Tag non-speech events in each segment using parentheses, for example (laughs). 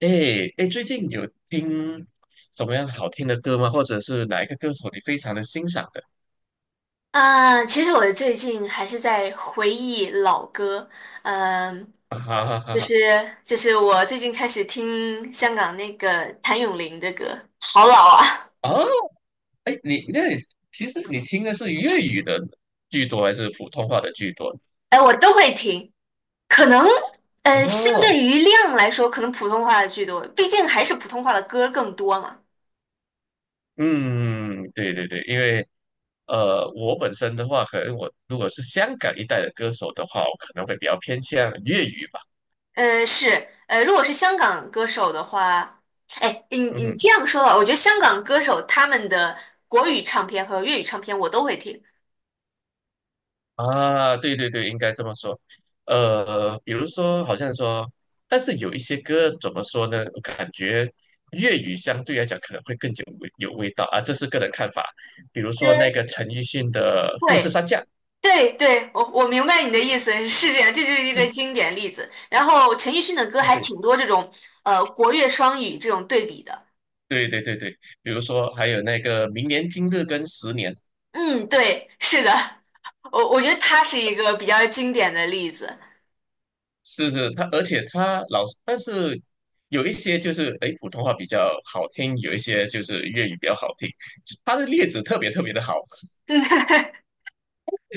哎哎，最近有听什么样好听的歌吗？或者是哪一个歌手你非常的欣赏的？啊，其实我最近还是在回忆老歌，嗯，啊哈哈哈就哈！是就是我最近开始听香港那个谭咏麟的歌，好老啊。哦，哎，你那你其实你听的是粤语的居多，还是普通话的居多？哎，我都会听，可能相哦，对于量来说，可能普通话的居多，毕竟还是普通话的歌更多嘛。嗯，对对对，因为我本身的话，可能我如果是香港一带的歌手的话，我可能会比较偏向粤语吧。是，如果是香港歌手的话，哎，你嗯这样说吧，我觉得香港歌手他们的国语唱片和粤语唱片我都会听。啊，对对对，应该这么说。比如说，好像说，但是有一些歌怎么说呢？我感觉粤语相对来讲可能会更有味道啊，这是个人看法。比如说嗯，那个陈奕迅的《富士会。山下》。对对，我明白你的意思，是这样，这就是一个嗯。经典例子。然后陈奕迅的歌还 (laughs) 挺多这种，国乐双语这种对比的。对对对对对对。比如说还有那个《明年今日》跟《十年》，嗯，对，是的，我觉得他是一个比较经典的例子。是是他，而且他老，但是有一些就是诶普通话比较好听，有一些就是粤语比较好听，他的例子特别特别的好。(laughs)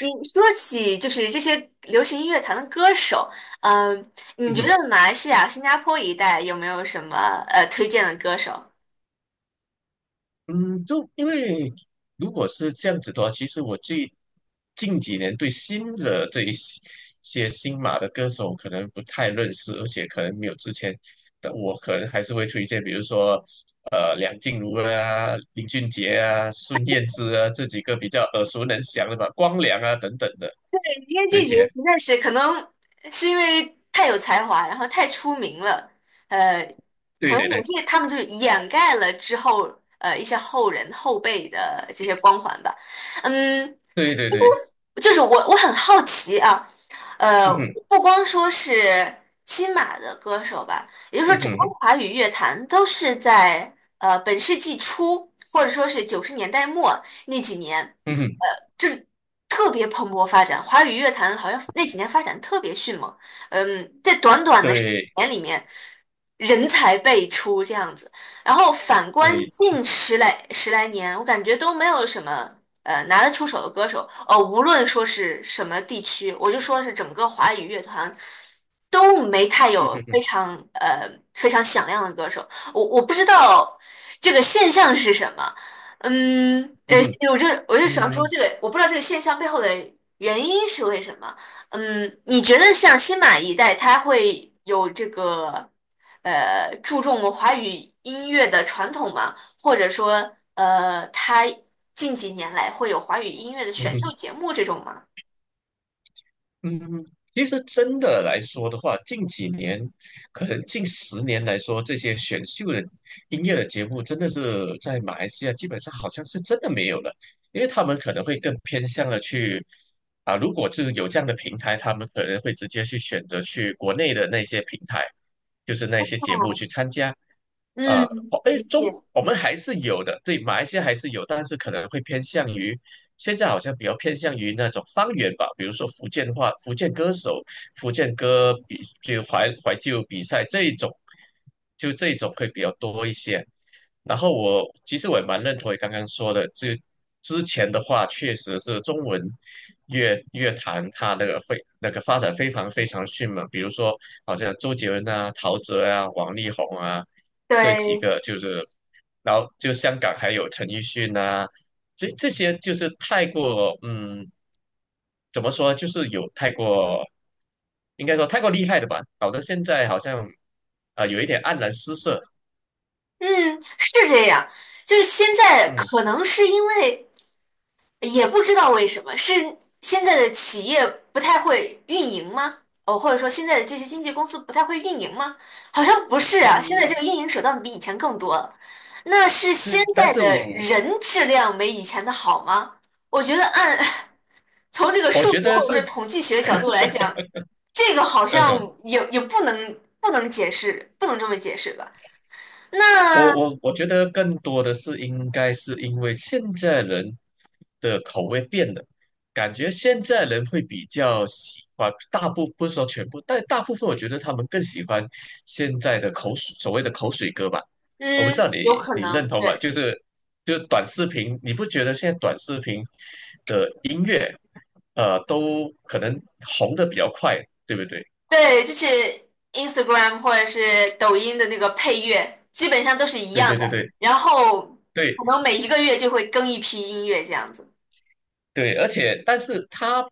你说起就是这些流行音乐坛的歌手，嗯、你觉嗯。得马来西亚、新加坡一带有没有什么推荐的歌手？嗯，就因为如果是这样子的话，其实我最近几年对新的这一些新马的歌手可能不太认识，而且可能没有之前的我，可能还是会推荐，比如说梁静茹啊、林俊杰啊、孙燕姿啊这几个比较耳熟能详的吧，光良啊等等的因为这这几些。个实在是可能是因为太有才华，然后太出名了，呃，可对能对对，也是他们就是掩盖了之后一些后人后辈的这些光环吧。嗯，对对对，就是我很好奇啊，呃，嗯哼不光说是新马的歌手吧，也就是说，嗯整个哼华语乐坛都是在本世纪初或者说是九十年代末那几年，嗯哼，呃，就是特别蓬勃发展。华语乐坛好像那几年发展特别迅猛，嗯，在短短的十对年里面，人才辈出这样子。然后反观对，近十来年，我感觉都没有什么。拿得出手的歌手，呃，无论说是什么地区，我就说是整个华语乐团都没太嗯有非哼常非常响亮的歌手。我不知道这个现象是什么，嗯，嗯哼嗯哼我就想嗯说这哼个，我不知道这个现象背后的原因是为什么。嗯，你觉得像新马一代，他会有这个注重华语音乐的传统吗？或者说他近几年来会有华语音乐的嗯选秀哼。节目这种吗？嗯，其实真的来说的话，近几年，可能近十年来说，这些选秀的音乐的节目，真的是在马来西亚基本上好像是真的没有了，因为他们可能会更偏向了去啊，如果是有这样的平台，他们可能会直接去选择去国内的那些平台，就是那些节目去参加。啊，嗯，哎，理解。我们还是有的，对，马来西亚还是有，但是可能会偏向于。现在好像比较偏向于那种方言吧，比如说福建话、福建歌手、福建歌就怀旧比赛这一种，就这一种会比较多一些。然后其实我也蛮认同你刚刚说的，这之前的话确实是中文乐坛它那个非那个发展非常非常迅猛，比如说好像周杰伦啊、陶喆啊、王力宏啊这几对，个就是，然后就香港还有陈奕迅啊，这些就是太过怎么说就是有太过，应该说太过厉害的吧，搞得现在好像啊、有一点黯然失色，嗯，是这样。就是现在嗯可能是因为也不知道为什么，是现在的企业不太会运营吗？哦，或者说现在的这些经纪公司不太会运营吗？好像不是啊，现在这嗯。个运营手段比以前更多了。那是现对，(laughs) 但在是我的人质量没以前的好吗？我觉得按 (laughs) 从这个我数觉学得或者是是，统计学角度来 (laughs) 讲，这个好嗯像哼，也不能解释，不能这么解释吧？那我觉得更多的是应该是因为现在人的口味变了，感觉现在人会比较喜欢，不是说全部，但大部分我觉得他们更喜欢现在的口水，所谓的口水歌吧。我不知道嗯，你有可你能，认同吗？对就是短视频，你不觉得现在短视频的音乐，都可能红的比较快，对不对？对，就是 Instagram 或者是抖音的那个配乐，基本上都是一对样对的，对对。然后对，可能每一个月就会更一批音乐这样子，对，而且但是它，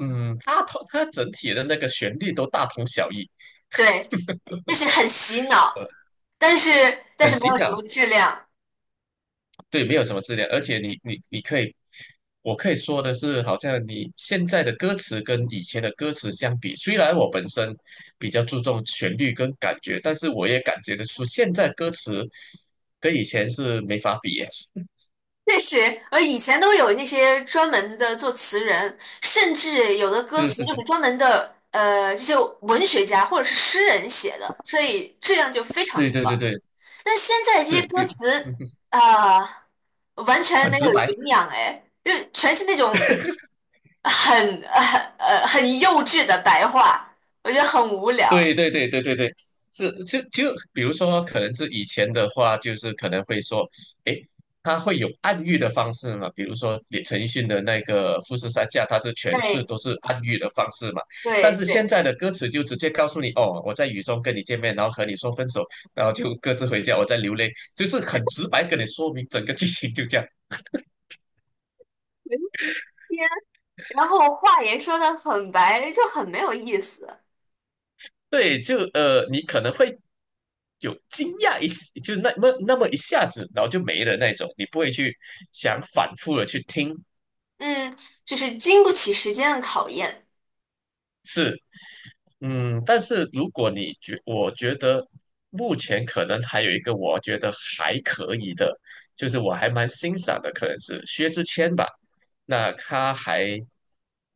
嗯，它整体的那个旋律都大同小异，对，就是很洗呃，脑，但是但很是没洗有什脑，么质量。对，没有什么质量。而且你可以，我可以说的是，好像你现在的歌词跟以前的歌词相比，虽然我本身比较注重旋律跟感觉，但是我也感觉得出现在歌词跟以前是没法比耶。确实，以前都有那些专门的作词人，甚至有的歌是词是就是是，专门的，呃，这些文学家或者是诗人写的，所以质量就非常对的对对高。对，但现在这些是，歌嗯词，啊、完全很没直有白。营养，哎，就全是那种很很幼稚的白话，我觉得很无聊。对对对对对对，是是就比如说，可能是以前的话，就是可能会说，诶，他会有暗喻的方式嘛，比如说陈奕迅的那个《富士山下》，它是全是对都是暗喻的方式嘛。但对是现对，在的歌词就直接告诉你，哦，我在雨中跟你见面，然后和你说分手，然后就各自回家，我在流泪，就是很直白跟你说明整个剧情就这样。文天然后话也说的很白，就很没有意思。对，你可能会有惊讶一时，就那么那么一下子，然后就没了那种，你不会去想反复的去听，嗯，就是经不起时间的考验。是，但是如果我觉得目前可能还有一个我觉得还可以的，就是我还蛮欣赏的，可能是薛之谦吧，那他还，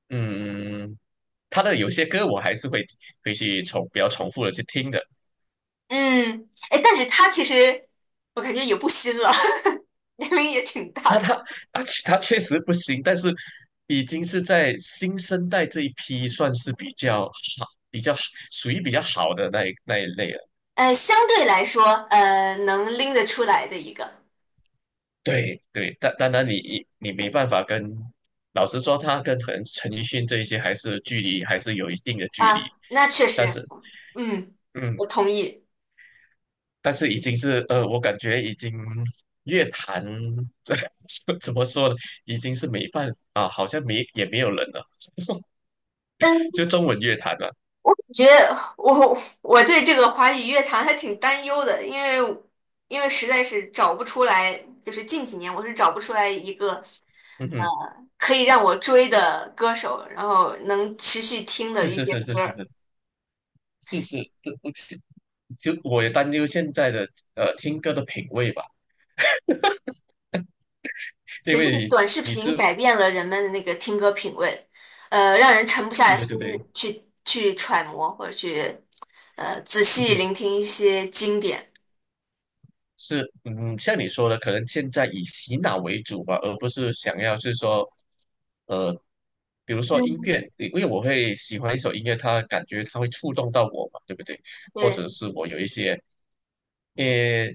嗯，他的有些歌我还是会去比较重复的去听的。嗯，哎，但是他其实我感觉也不新了，(laughs) 年龄也挺大啊，的。且他确实不行，但是已经是在新生代这一批算是比较好，属于比较好的那一类了。相对来说，能拎得出来的一个对对，但当然你没办法跟，老实说，他跟陈奕迅这一些还是有一定的距离，啊，那确但实，是嗯，嗯，我同意。但是已经是我感觉已经乐坛这 (laughs) 怎么说呢，已经是没办法啊，好像没也没有人了，嗯。就中文乐坛了。觉得我我对这个华语乐坛还挺担忧的，因为因为实在是找不出来，就是近几年我是找不出来一个嗯哼，可以让我追的歌手，然后能持续听的是一是些是是歌儿。是。是是，这不是，就我也担忧现在的听歌的品味吧，其因实这为个你短知视你频这改变了人们的那个听歌品味，让人沉不对下对对心对，去去揣摩或者去仔细嗯聆听一些经典。是，像你说的，可能现在以洗脑为主吧，而不是想要是说，呃，比如说音嗯，乐，因为我会喜欢一首音乐，它感觉它会触动到我嘛，对不对？或对者是我有一些，呃，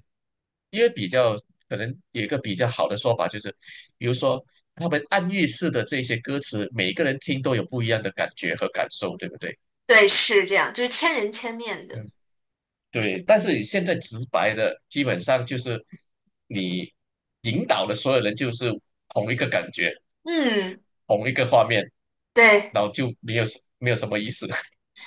因为比较可能有一个比较好的说法，就是比如说他们暗喻式的这些歌词，每一个人听都有不一样的感觉和感受，对不对？对，是这样，就是千人千面的。对，但是你现在直白的，基本上就是你引导的所有人就是同一个感觉，嗯。同一个画面，对，然后就没有什么意思。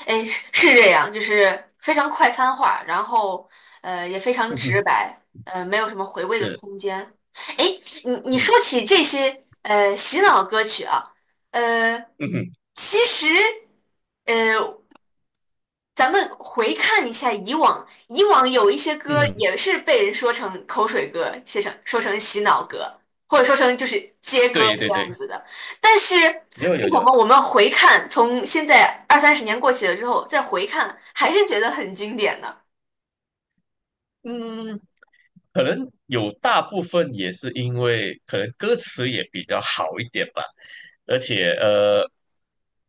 哎，是这样，就是非常快餐化，然后也非常直白，没有什么回 (laughs) 味的是，空间。哎，你嗯说起这些洗脑歌曲啊，呃，嗯哼其实呃咱们回看一下以往，以往有一些嗯歌哼也是被人说成口水歌，写成说成洗脑歌，或者说成就是接歌对这对对，样子的。但是为有有什有，么我们回看，从现在二三十年过去了之后再回看，还是觉得很经典呢？嗯。可能有大部分也是因为可能歌词也比较好一点吧，而且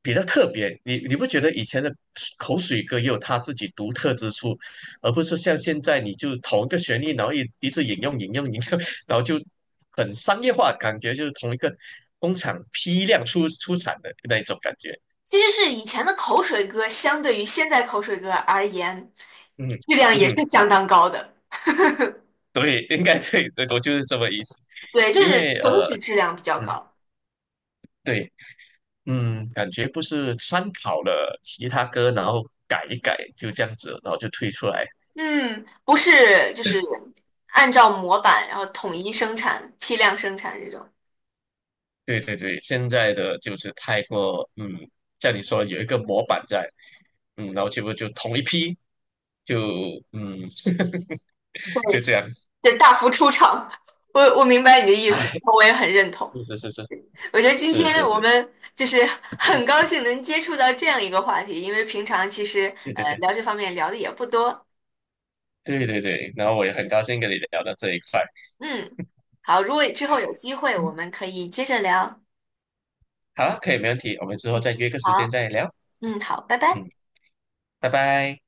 比较特别。你不觉得以前的口水歌也有它自己独特之处，而不是像现在你就同一个旋律，然后一直引用引用引用，(laughs) 然后就很商业化，感觉就是同一个工厂批量出产的那一种感觉。其实是以前的口水歌，相对于现在口水歌而言，嗯质量嗯也是哼，相当高的。对，应该对，对我就是这么意思。对，就因为是整体质量比较嗯，高。对。嗯，感觉不是参考了其他歌，然后改一改，就这样子，然后就推出来。嗯，不是，就是按照模板，然后统一生产、批量生产这种，对对对，现在的就是太过，像你说有一个模板在，然后结果就同一批，就嗯，(laughs) 就对，这样，对，大幅出厂。我明白你的意思，哎，我也很认同。是是是是我觉得今是是天我是，们就是 (laughs) 很高兴能接触到这样一个话题，因为平常其实对对对聊这方面聊的也不多。对对对，然后我也很高兴跟你聊到这一块，嗯，好，如果之后有机会，我嗯，们可以接着聊。好，可以，没问题，我们之后再约个时间好，再聊，嗯，好，拜拜。嗯，拜拜。